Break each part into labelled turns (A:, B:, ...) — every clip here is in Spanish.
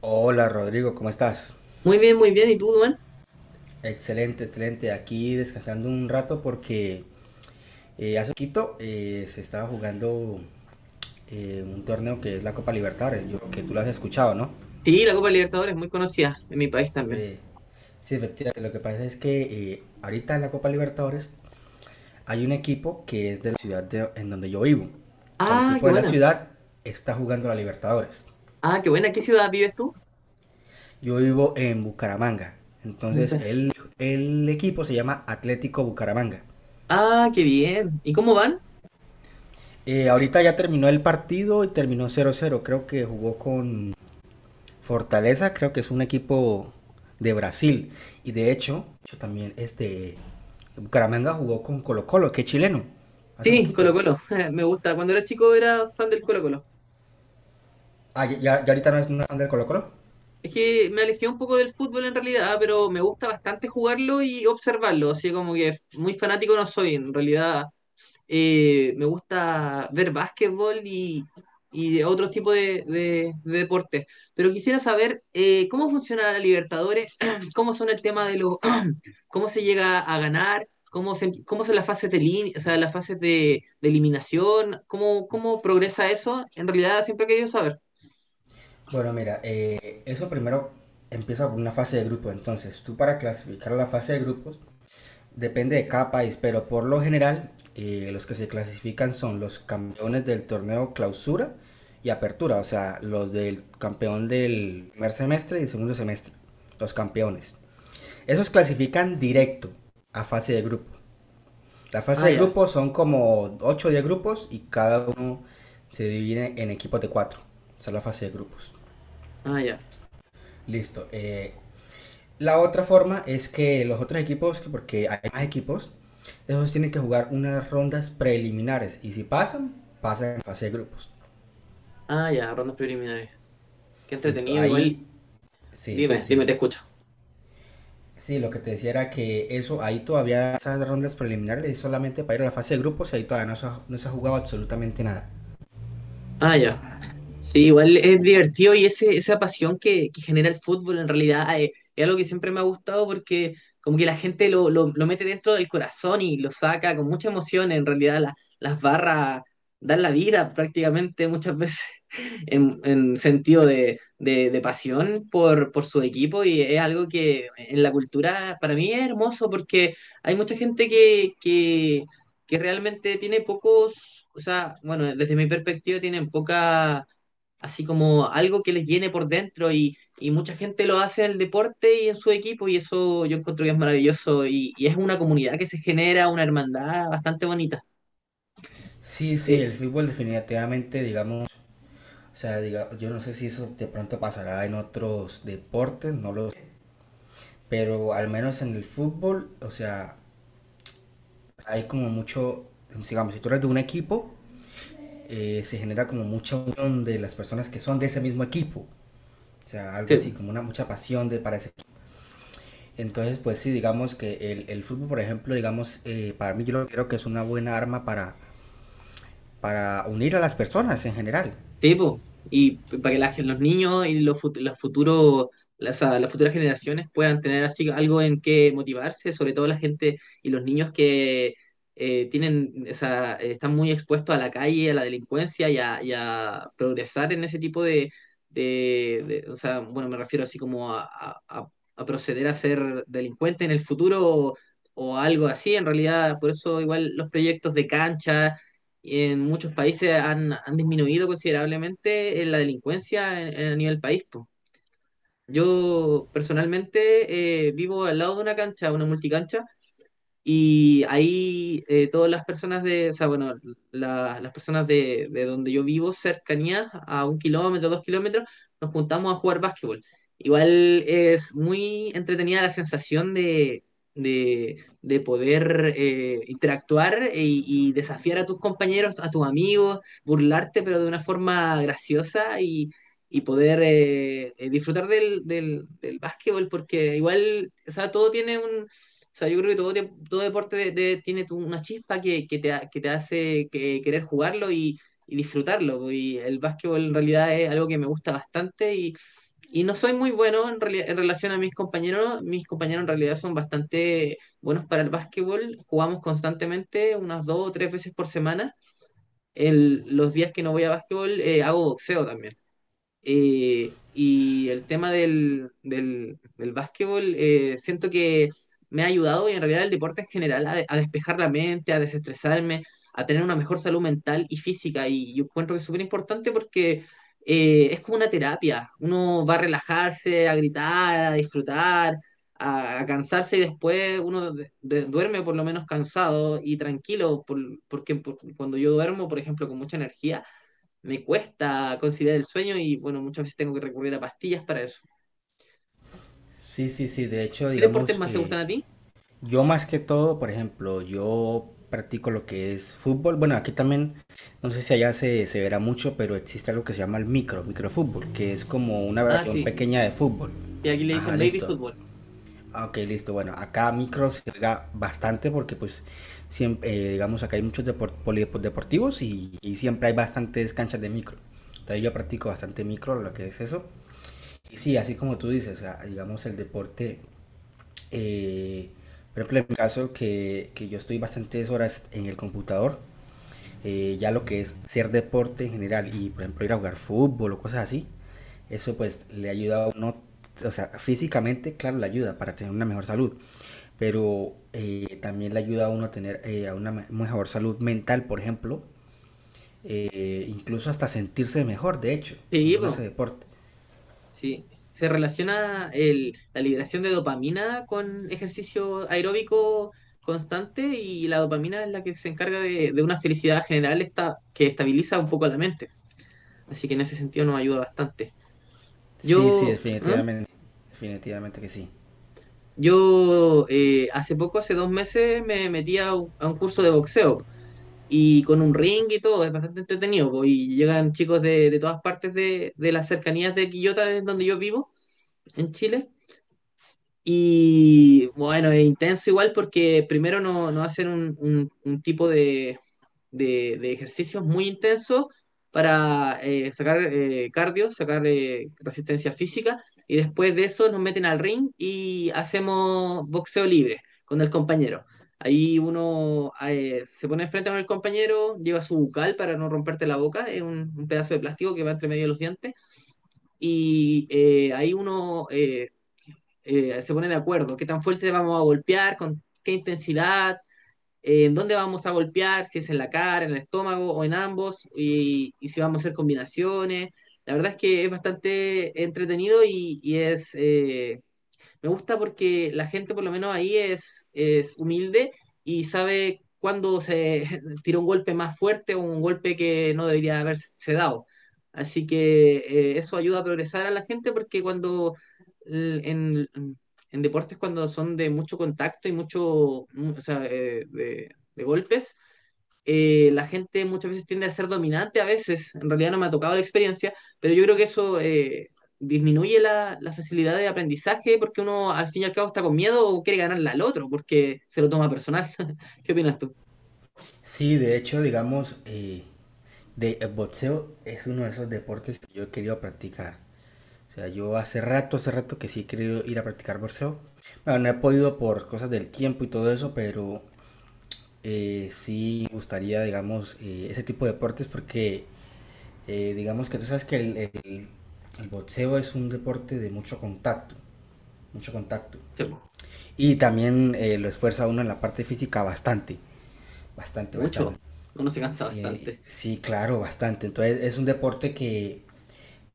A: Hola Rodrigo, ¿cómo estás?
B: Muy bien, muy bien. ¿Y tú, Duan?
A: Excelente, excelente. Aquí descansando un rato porque hace poquito se estaba jugando un torneo que es la Copa Libertadores, yo creo que tú lo has escuchado, ¿no?
B: Sí, la Copa Libertadores es muy conocida en mi país también.
A: Eh, sí, efectivamente. Lo que pasa es que ahorita en la Copa Libertadores hay un equipo que es de la en donde yo vivo. O sea, el
B: Ah,
A: equipo
B: qué
A: de la
B: buena.
A: ciudad está jugando la Libertadores.
B: Ah, qué buena. ¿Qué ciudad vives tú?
A: Yo vivo en Bucaramanga. Entonces,
B: Bucara.
A: el equipo se llama Atlético Bucaramanga.
B: Ah, qué bien. ¿Y cómo van?
A: Ahorita ya terminó el partido y terminó cero cero. Creo que jugó con Fortaleza, creo que es un equipo de Brasil. Y de hecho, yo también este Bucaramanga jugó con Colo Colo, que es chileno, hace
B: Sí, Colo
A: poquito.
B: Colo. Me gusta. Cuando era chico era fan del Colo Colo.
A: Ah, ya, ya ahorita no es anda el Colo Colo.
B: Es que me alejé un poco del fútbol en realidad, pero me gusta bastante jugarlo y observarlo. Así como que muy fanático no soy. En realidad me gusta ver básquetbol y de otros tipos de deportes. Pero quisiera saber cómo funciona la Libertadores, cómo son el tema de los, cómo se llega a ganar, cómo son las fases o sea, las fases de eliminación, cómo progresa eso. En realidad siempre he querido saber.
A: Bueno, mira, eso primero empieza por una fase de grupo. Entonces, tú para clasificar la fase de grupos depende de cada país, pero por lo general los que se clasifican son los campeones del torneo clausura y apertura, o sea, los del campeón del primer semestre y el segundo semestre, los campeones. Esos clasifican directo a fase de grupo. La fase
B: Ah,
A: de
B: ya,
A: grupo son como 8 o 10 grupos y cada uno se divide en equipos de 4. Esa es la fase de grupos.
B: ah, ya,
A: Listo. La otra forma es que los otros equipos, porque hay más equipos, esos tienen que jugar unas rondas preliminares y si pasan, pasan en fase de grupos.
B: ah, ya, rondas preliminares. Qué
A: Listo,
B: entretenido, igual.
A: ahí sí,
B: Dime,
A: sí.
B: dime, te escucho.
A: Sí, lo que te decía era que eso, ahí todavía esas rondas preliminares es solamente para ir a la fase de grupos y ahí todavía no se ha jugado absolutamente nada.
B: Ah, ya. Sí, igual es divertido y esa pasión que genera el fútbol en realidad, algo que siempre me ha gustado porque como que la gente lo mete dentro del corazón y lo saca con mucha emoción. En realidad las barras dan la vida prácticamente muchas veces en sentido de pasión por su equipo, y es algo que en la cultura para mí es hermoso porque hay mucha gente que realmente tiene pocos, o sea, bueno, desde mi perspectiva tienen poca, así como algo que les llene por dentro, y mucha gente lo hace en el deporte y en su equipo, y eso yo encuentro que es maravilloso, y es una comunidad que se genera, una hermandad bastante bonita.
A: Sí, sí,
B: Eh,
A: el fútbol definitivamente, digamos, o sea, yo no sé si eso de pronto pasará en otros deportes, no lo sé, pero al menos en el fútbol, o sea, hay como mucho, digamos, si tú eres de un equipo, se genera como mucha unión de las personas que son de ese mismo equipo. O sea, algo así,
B: sí.
A: como una mucha pasión de para ese equipo. Entonces, pues sí, digamos que el fútbol, por ejemplo, digamos, para mí yo lo creo que es una buena arma para unir a las personas en general.
B: Sí, po. Para que la los niños y los futuros, las futuras generaciones puedan tener así algo en que motivarse, sobre todo la gente y los niños que tienen, o sea, están muy expuestos a la calle, a la delincuencia y a progresar en ese tipo o sea, bueno, me refiero así como a proceder a ser delincuente en el futuro o algo así, en realidad, por eso igual los proyectos de cancha en muchos países han disminuido considerablemente la delincuencia a nivel país, po. Yo personalmente vivo al lado de una cancha, una multicancha, y ahí todas las personas o sea, bueno, las personas de donde yo vivo, cercanías a 1 kilómetro, 2 kilómetros, nos juntamos a jugar básquetbol. Igual es muy entretenida la sensación de poder interactuar y desafiar a tus compañeros, a tus amigos, burlarte, pero de una forma graciosa, y poder disfrutar del básquetbol, porque igual, o sea, todo tiene yo creo que todo deporte tiene una chispa que que te querer jugarlo, y disfrutarlo. Po. Y el básquetbol en realidad es algo que me gusta bastante, y no soy muy bueno en relación a mis compañeros. Mis compañeros en realidad son bastante buenos para el básquetbol. Jugamos constantemente unas dos o tres veces por semana. Los días que no voy a básquetbol, hago boxeo también. Y el tema del básquetbol, siento que me ha ayudado, y en realidad el deporte en general a despejar la mente, a desestresarme, a tener una mejor salud mental y física. Y yo encuentro que es súper importante porque es como una terapia. Uno va a relajarse, a gritar, a disfrutar, a cansarse, y después uno duerme por lo menos cansado y tranquilo, cuando yo duermo, por ejemplo, con mucha energía me cuesta conciliar el sueño, y bueno, muchas veces tengo que recurrir a pastillas para eso.
A: Sí, sí, sí. De hecho,
B: ¿Qué deportes
A: digamos,
B: más te gustan a ti?
A: yo más que todo, por ejemplo, yo practico lo que es fútbol. Bueno, aquí también, no sé si allá se verá mucho, pero existe algo que se llama el micro, microfútbol, que es como una
B: Ah,
A: versión
B: sí.
A: pequeña de fútbol.
B: Y aquí le
A: Ajá,
B: dicen baby
A: listo.
B: fútbol.
A: Ah, ok, listo. Bueno, acá micro se juega bastante porque pues siempre, digamos, acá hay muchos polideportivos y siempre hay bastantes canchas de micro. Entonces yo practico bastante micro, lo que es eso. Y sí, así como tú dices, o sea, digamos el deporte eh, por ejemplo, en mi caso, que yo estoy bastantes horas en el computador, ya lo que es hacer deporte en general y, por ejemplo, ir a jugar fútbol o cosas así, eso pues le ayuda a uno, o sea, físicamente, claro, le ayuda para tener una mejor salud, pero también le ayuda a uno a tener a una mejor salud mental, por ejemplo, incluso hasta sentirse mejor, de hecho,
B: Sí,
A: cuando uno hace
B: po,
A: deporte.
B: sí. Se relaciona la liberación de dopamina con ejercicio aeróbico constante, y la dopamina es la que se encarga de una felicidad general esta, que estabiliza un poco la mente. Así que en ese sentido nos ayuda bastante.
A: Sí, sí,
B: Yo, ¿eh?
A: definitivamente, definitivamente que sí.
B: Yo hace poco, hace 2 meses, me metí a un curso de boxeo. Y con un ring y todo, es bastante entretenido, po, y llegan chicos de todas partes de las cercanías de Quillota, es donde yo vivo, en Chile, y bueno, es intenso igual porque primero no hacen un tipo de ejercicios muy intensos para sacar cardio, sacar resistencia física, y después de eso nos meten al ring y hacemos boxeo libre con el compañero. Ahí uno, se pone enfrente con el compañero, lleva su bucal para no romperte la boca, es un pedazo de plástico que va entre medio de los dientes, ahí uno se pone de acuerdo qué tan fuerte vamos a golpear, con qué intensidad, en dónde vamos a golpear, si es en la cara, en el estómago o en ambos, y si vamos a hacer combinaciones. La verdad es que es bastante entretenido, y es me gusta porque la gente por lo menos ahí es humilde y sabe cuándo se tira un golpe más fuerte o un golpe que no debería haberse dado. Así que eso ayuda a progresar a la gente porque l- en, en deportes cuando son de mucho contacto y o sea, de golpes, la gente muchas veces tiende a ser dominante, a veces. En realidad no me ha tocado la experiencia, pero yo creo que eso disminuye la facilidad de aprendizaje porque uno al fin y al cabo está con miedo o quiere ganarle al otro porque se lo toma personal. ¿Qué opinas tú?
A: Sí, de hecho, digamos, el boxeo es uno de esos deportes que yo he querido practicar. O sea, yo hace rato que sí he querido ir a practicar boxeo. Bueno, no he podido por cosas del tiempo y todo eso, pero sí me gustaría, digamos, ese tipo de deportes porque, digamos que tú sabes que el boxeo es un deporte de mucho contacto, mucho contacto.
B: Sí, pues,
A: Y también lo esfuerza uno en la parte física bastante, bastante, bastante.
B: mucho, uno se cansa
A: Sí,
B: bastante.
A: sí, claro, bastante. Entonces es un deporte que,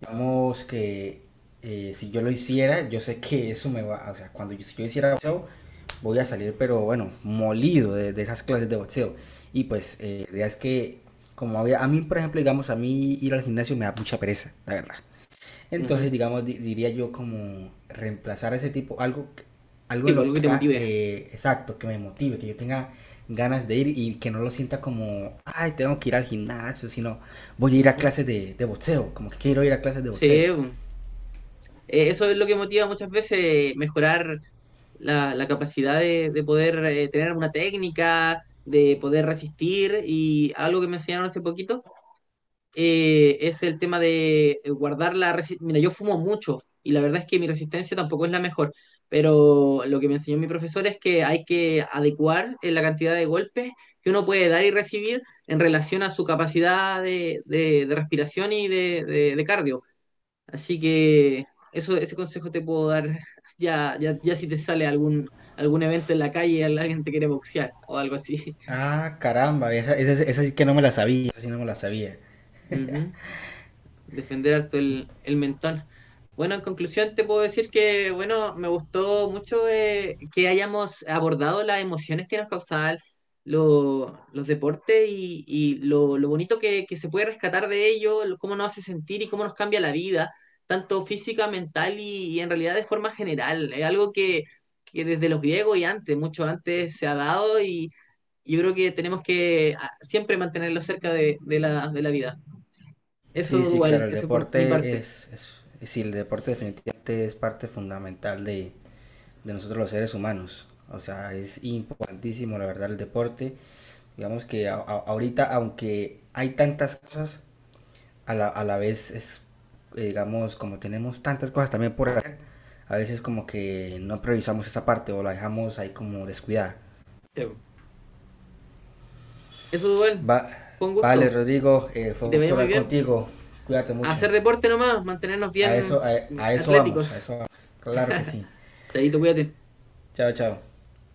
A: digamos que si yo lo hiciera, yo sé que eso me va, o sea, cuando yo, si yo hiciera boxeo, voy a salir, pero bueno, molido de esas clases de boxeo. Y pues la idea es que, como había, a mí, por ejemplo, digamos, a mí ir al gimnasio me da mucha pereza, la verdad.
B: Ujú.
A: Entonces, digamos, diría yo como reemplazar ese tipo, algo, algo
B: Sí,
A: en
B: pues,
A: lo
B: algo que
A: que
B: te
A: haga,
B: motive.
A: exacto, que me motive, que yo tenga ganas de ir y que no lo sienta como, ay, tengo que ir al gimnasio, sino voy a ir a
B: Ujú.
A: clases de boxeo, como que quiero ir a clases de
B: Sí,
A: boxeo.
B: pues, eso es lo que motiva muchas veces, mejorar la capacidad de poder tener una técnica, de poder resistir, y algo que me enseñaron hace poquito es el tema de guardar la resistencia. Mira, yo fumo mucho y la verdad es que mi resistencia tampoco es la mejor, pero lo que me enseñó mi profesor es que hay que adecuar la cantidad de golpes que uno puede dar y recibir en relación a su capacidad de respiración y de cardio. Así que ese consejo te puedo dar, ya, ya, ya, si te sale algún evento en la calle y alguien te quiere boxear o algo así.
A: Ah, caramba, esa sí que no me la sabía, esa sí no me la sabía.
B: Ujú. Defender harto el mentón. Bueno, en conclusión te puedo decir que, bueno, me gustó mucho que hayamos abordado las emociones que nos causaban los deportes, y lo bonito que se puede rescatar de ello, cómo nos hace sentir y cómo nos cambia la vida, tanto física, mental, y en realidad de forma general. Es algo que desde los griegos y antes, mucho antes, se ha dado, y yo creo que tenemos que siempre mantenerlo cerca de la vida. Eso
A: Sí, sí,
B: dual,
A: claro, el
B: ese por mi
A: deporte
B: parte.
A: sí, el deporte definitivamente es parte fundamental de nosotros los seres humanos. O sea, es importantísimo, la verdad, el deporte. Digamos que ahorita, aunque hay tantas cosas, a a la vez es, digamos, como tenemos tantas cosas también por hacer, a veces como que no priorizamos esa parte o la dejamos ahí como descuidada.
B: Sí, po. Eso dual,
A: Va,
B: con
A: vale,
B: gusto.
A: Rodrigo, fue
B: Que
A: un
B: te
A: gusto
B: vaya muy
A: hablar
B: bien.
A: contigo. Cuídate
B: A
A: mucho.
B: hacer deporte nomás, mantenernos bien bien
A: A eso vamos, a
B: atléticos.
A: eso vamos. Claro que sí.
B: Chaito, cuídate.
A: Chao, chao.